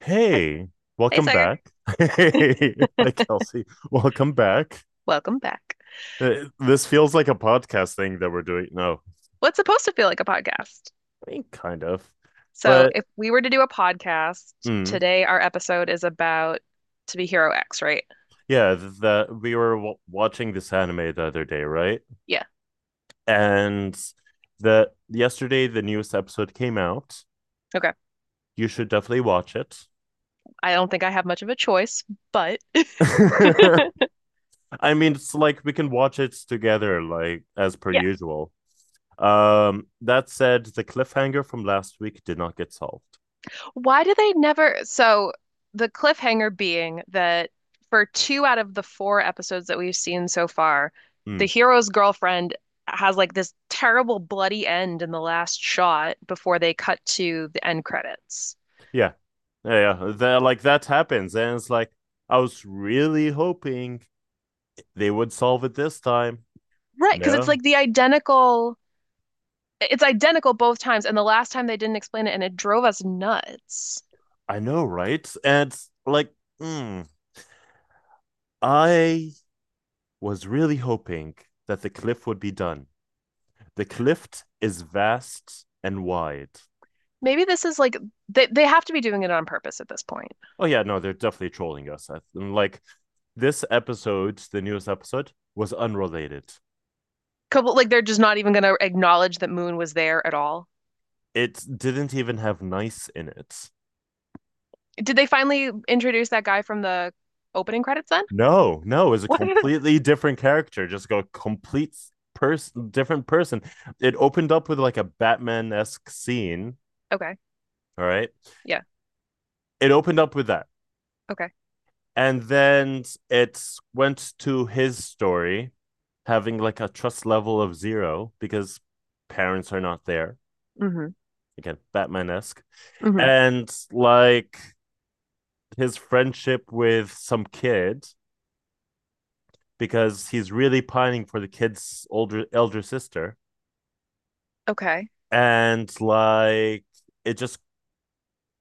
Hey, Hey, welcome Sagar. back. Hey, hi, Kelsey. Welcome back. Welcome back. This feels like a podcast thing that we're doing. No, What's supposed to feel like a podcast? I mean, kind of. So, But if we were to do a podcast mm, today, our episode is about To Be Hero X, right? yeah, that we were w watching this anime the other day, right? Yeah. And the yesterday the newest episode came out. Okay. You should definitely watch it. I don't think I have much of a choice, but I mean, it's like we can watch it together, like as per yeah. usual. That said, the cliffhanger from last week did not get solved. Why do they never? So, the cliffhanger being that for two out of the four episodes that we've seen so far, the Mm. hero's girlfriend has this terrible bloody end in the last shot before they cut to the end credits. Yeah. Yeah, yeah. That, like that happens. And it's like, I was really hoping they would solve it this time. Right, because it's No. like the identical, it's identical both times, and the last time they didn't explain it, and it drove us nuts. I know, right? And like, mm, I was really hoping that the cliff would be done. The cliff is vast and wide. Maybe this is like they have to be doing it on purpose at this point. Oh yeah, no, they're definitely trolling us. And, like this episode, the newest episode, was unrelated. Couple like they're just not even going to acknowledge that Moon was there at all. It didn't even have nice in it. Did they finally introduce that guy from the opening credits then? No, no, it's a What? completely different character, just like a complete person, different person. It opened up with like a Batman esque scene. Okay. All right. Yeah. It opened up with that. Okay. And then it went to his story, having like a trust level of zero because parents are not there. Mm-hmm. Again, Batman esque. Mm-hmm. And like his friendship with some kid because he's really pining for the kid's older elder sister, Okay. and like it just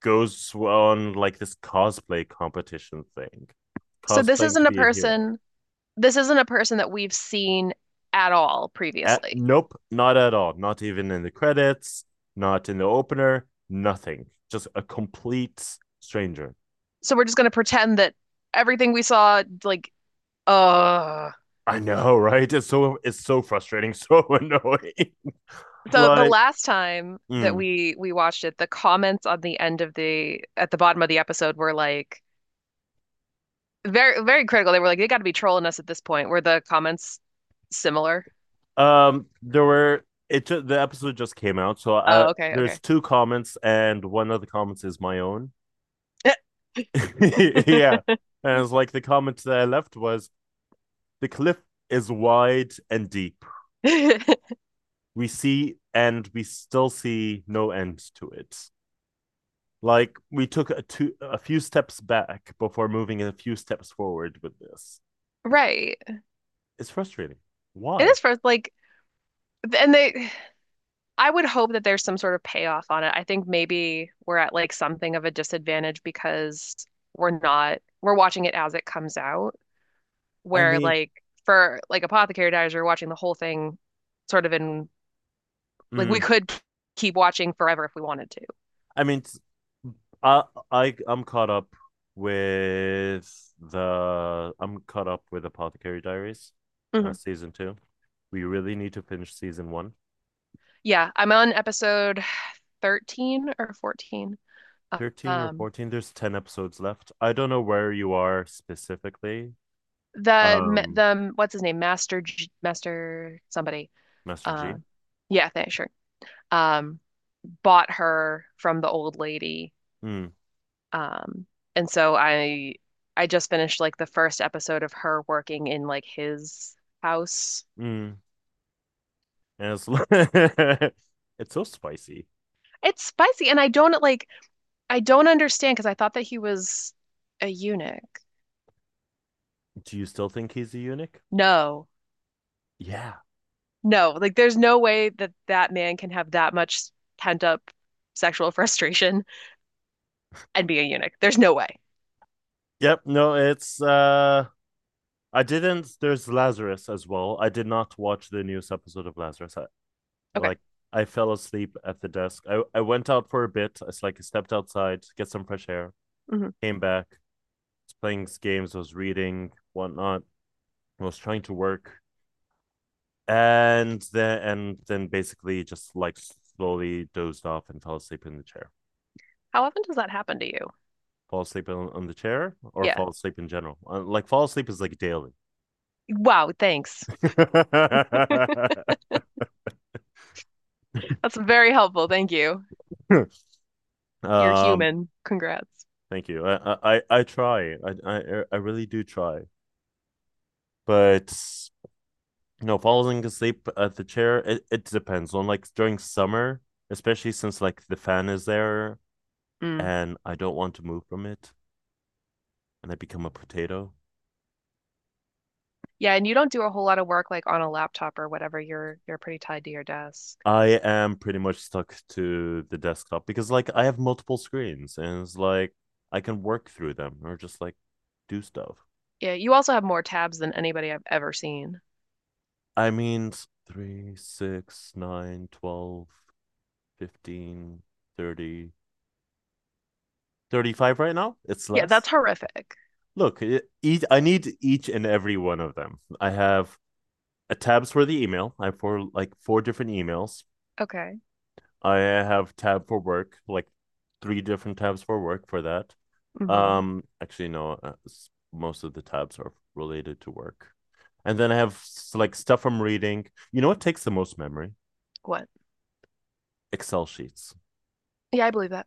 goes on like this cosplay competition thing, So cosplaying to be a hero. This isn't a person that we've seen at all previously. Nope, not at all, not even in the credits, not in the opener, nothing, just a complete stranger. So we're just going to pretend that everything we saw like— Oh, I know, right, it's so frustrating, so annoying. so the Like. last time that Mm. we watched it, the comments on the end of the at the bottom of the episode were like very very critical. They were like, they got to be trolling us at this point. Were the comments similar? There were it The episode just came out, so I Oh, okay, there's okay. two comments, and one of the comments is my own. Yeah. And it's like the comment that I left was the cliff is wide and deep. We see, and we still see no end to it. Like we took a few steps back before moving a few steps forward with this. Right. It's frustrating. It Why? is first like and they— I would hope that there's some sort of payoff on it. I think maybe we're at like something of a disadvantage because we're not we're watching it as it comes out, I where mean, like for like Apothecary Diaries, you're watching the whole thing sort of in— like we mm, could keep watching forever if we wanted to. I mean, I I I'm caught up with I'm caught up with Apothecary Diaries, Mhm. season 2. We really need to finish season 1. Yeah, I'm on episode 13 or 14. 13 or Um, 14, there's 10 episodes left. I don't know where you are specifically. the um the what's his name, Master G- Master somebody. Master Um, uh, G. yeah, thanks, sure. Um, bought her from the old lady. mm, Um, and so I just finished like the first episode of her working in like his house. mm. And it's, it's so spicy. It's spicy, and I don't understand because I thought that he was a eunuch. Do you still think he's a eunuch? No. Yeah. No, like there's no way that that man can have that much pent up sexual frustration and be a eunuch. There's no way. Yep. No, it's I didn't there's Lazarus as well. I did not watch the newest episode of Lazarus. Okay. Like I fell asleep at the desk. I went out for a bit. It's like I stepped outside to get some fresh air, Hmm. came back, was playing games, was reading whatnot. I was trying to work, and then basically just like slowly dozed off and fell asleep in the chair. How often does that happen to you? Fall asleep on the chair, or Yeah. fall asleep in general. Like fall asleep is like daily. Wow, thanks. That's very helpful. Thank you. You're um, human. Congrats. Thank you. I try. I really do try, but falling asleep at the chair. It depends on like during summer, especially since like the fan is there, Mm. and I don't want to move from it, and I become a potato. Yeah, and you don't do a whole lot of work like on a laptop or whatever. You're pretty tied to your desk. I am pretty much stuck to the desktop because like I have multiple screens, and it's like I can work through them or just like do stuff. Yeah, you also have more tabs than anybody I've ever seen. I mean, 3, 6, 9, 12, 15, 30, 35 right now. It's Yeah, less. that's horrific. Look, I need each and every one of them. I have a tabs for the email. I have four different emails. Okay. I have tab for work, like three different tabs for work for that. Hmm. Actually, no, most of the tabs are related to work. And then I have like stuff I'm reading. You know what takes the most memory? What? Excel sheets. Yeah, I believe that.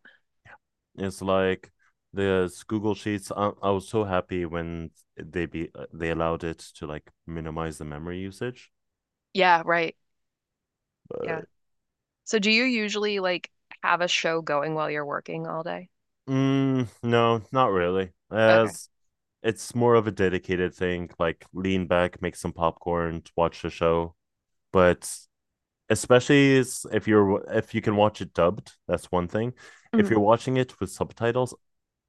It's like this Google Sheets. I was so happy when they allowed it to like minimize the memory usage. Yeah, right. But Yeah. So do you usually like have a show going while you're working all day? No, not really. Okay. As It's more of a dedicated thing, like lean back, make some popcorn, watch the show. But especially if you can watch it dubbed, that's one thing. If Hmm. you're watching it with subtitles,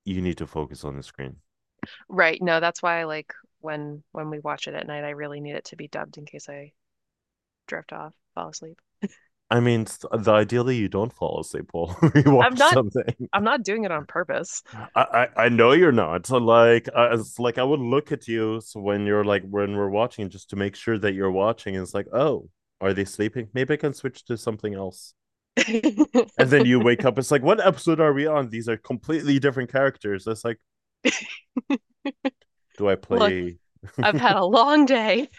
you need to focus on the screen. Right. No, that's why I like when we watch it at night, I really need it to be dubbed in case I drift off, fall asleep. I mean, the ideally you don't fall asleep while you I'm watch not something. I'm not doing it on purpose. I know you're not. So, like it's like I would look at you so when you're like when we're watching, just to make sure that you're watching. And it's like, oh, are they sleeping? Maybe I can switch to something else. And then you wake up, it's like, what episode are we on? These are completely different characters. That's like, do I Look, play? I've had a long day.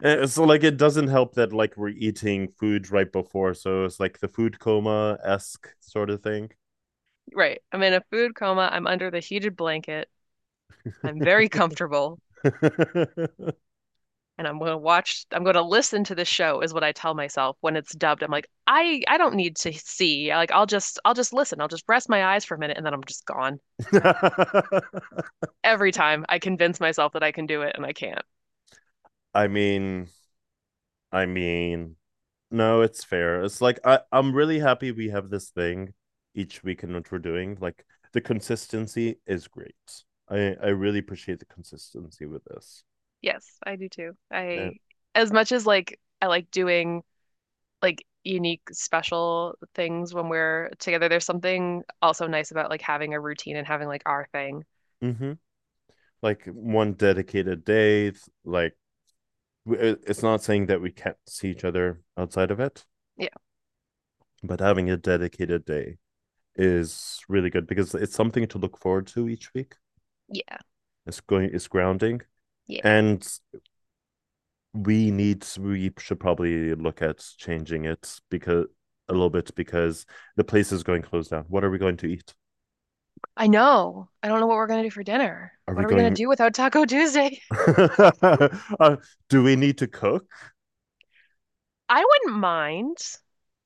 So like it doesn't help that like we're eating food right before, so it's like the food coma esque sort of thing. Right. I'm in a food coma. I'm under the heated blanket. I'm very comfortable, and I'm going to watch, I'm going to listen to the show is what I tell myself when it's dubbed. I'm like, I don't need to see. Like I'll just listen. I'll just rest my eyes for a minute and then I'm just gone. Every time I convince myself that I can do it and I can't. I mean, I mean, no, it's fair. It's like I'm really happy we have this thing each week in what we're doing. Like the consistency is great. I really appreciate the consistency with this. Yes, I do too. Yeah. I— as much as like I like doing like unique special things when we're together, there's something also nice about like having a routine and having like our thing. Mm-hmm. Like one dedicated day. Like it's not saying that we can't see each other outside of it, Yeah. but having a dedicated day is really good because it's something to look forward to each week. Yeah. It's going. It's grounding, Yeah. and we need. We should probably look at changing it because a little bit because the place is going closed down. What are we going to eat? I know. I don't know what we're going to do for dinner. Are What we are we going to going? do without Taco Tuesday? uh, do we need to cook? I wouldn't mind.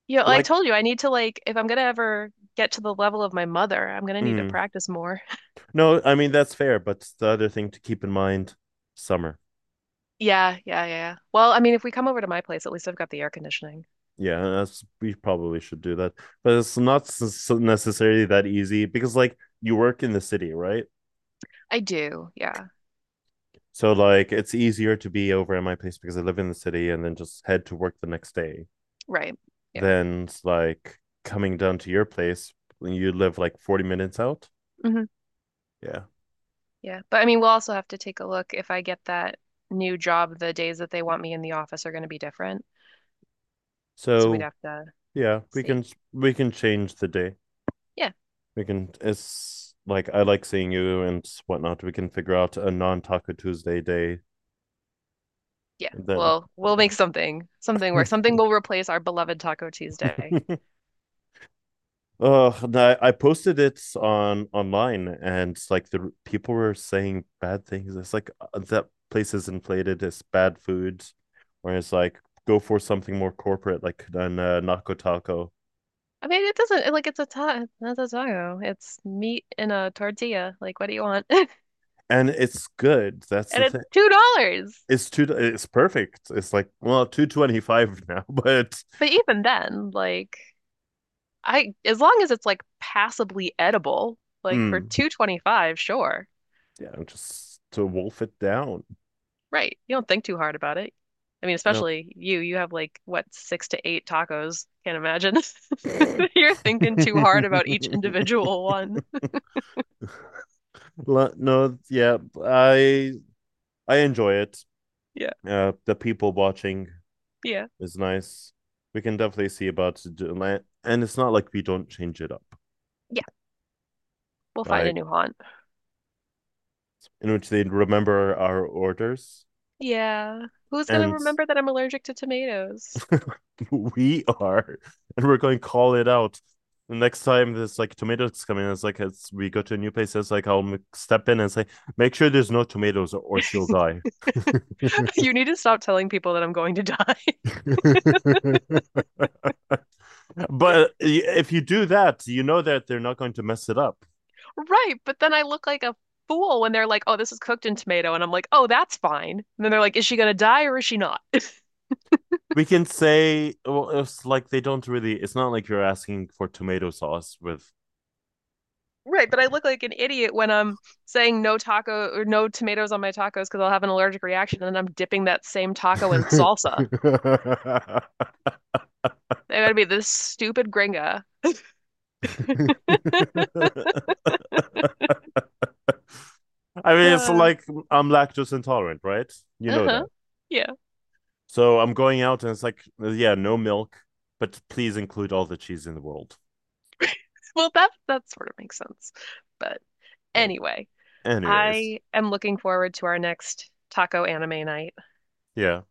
You know, I Like. told you I need to like if I'm gonna ever get to the level of my mother, I'm gonna need to mm, practice more. No, I mean that's fair, but the other thing to keep in mind, summer. Yeah, yeah, yeah. Well, I mean, if we come over to my place, at least I've got the air conditioning. Yeah, we probably should do that, but it's not necessarily that easy because like you work in the city, right? I do. Yeah. So like it's easier to be over at my place because I live in the city and then just head to work the next day. Right. Yeah. Then, like coming down to your place, you live like 40 minutes out. Hmm. Yeah. Yeah. But I mean, we'll also have to take a look if I get that new job, the days that they want me in the office are going to be different. So we'd So have to yeah, we can see. we can change the day. Yeah. We can It's like I like seeing you and whatnot. We can figure out a non-Taco Tuesday day, Yeah. and then We'll make something yeah. work. Something will replace our beloved Taco Tuesday. Oh, I posted it on online, and like the people were saying bad things. It's like that place is inflated, it's bad food. Or it's like go for something more corporate like an Nako Taco. I mean, it doesn't like— it's a ta— not a taco. It's meat in a tortilla. Like, what do you want? And it's good. That's And the it's thing. $2. It's two. It's perfect. It's like well, 2.25 now, but But even then, like, I— as long as it's like passably edible, like for mm, 2.25, sure. yeah, just to wolf it down. Right. You don't think too hard about it. I mean, No. especially you. You have like what, six to eight tacos. Can't imagine. You're thinking too hard about each individual one. No, yeah, I I enjoy it. Yeah. The people watching Yeah. is nice. We can definitely see about it, and it's not like we don't change it up. Yeah. We'll find a Like new haunt. in which they remember our orders, Yeah. Who's gonna and remember that I'm allergic to tomatoes? we are, and we're going to call it out. The next time there's like tomatoes coming, it's like as we go to a new place, it's like I'll step in and say, make sure there's no tomatoes, or she'll die. You need to stop telling people that I'm going to die. But if you do that, you know that they're not going to mess it up. Right, but then I look like a fool when they're like, "Oh, this is cooked in tomato." And I'm like, "Oh, that's fine." And then they're like, "Is she going to die or is she not?" We can say, well, it's like they don't really, it's not like you're asking for tomato sauce with Right, but I look like an idiot when I'm saying no taco or no tomatoes on my tacos because I'll have an allergic reaction and then I'm dipping that same taco in salsa. I gotta be this stupid gringa. I mean, it's like I'm lactose intolerant, right? You know uh-huh. that. Yeah. So I'm going out and it's like, yeah, no milk, but please include all the cheese in the world. Well, that that sort of makes sense. But Like, anyway, anyways, I am looking forward to our next taco anime night. yeah.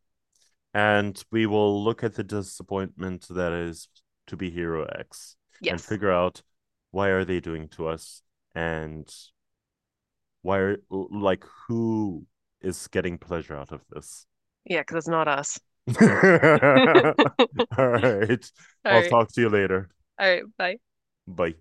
And we will look at the disappointment that is To Be Hero X and Yes. figure out why are they doing to us and why are like who is getting pleasure out of this. Yeah, because it's not us. All All right. I'll right. talk to you later. All right. Bye. Bye.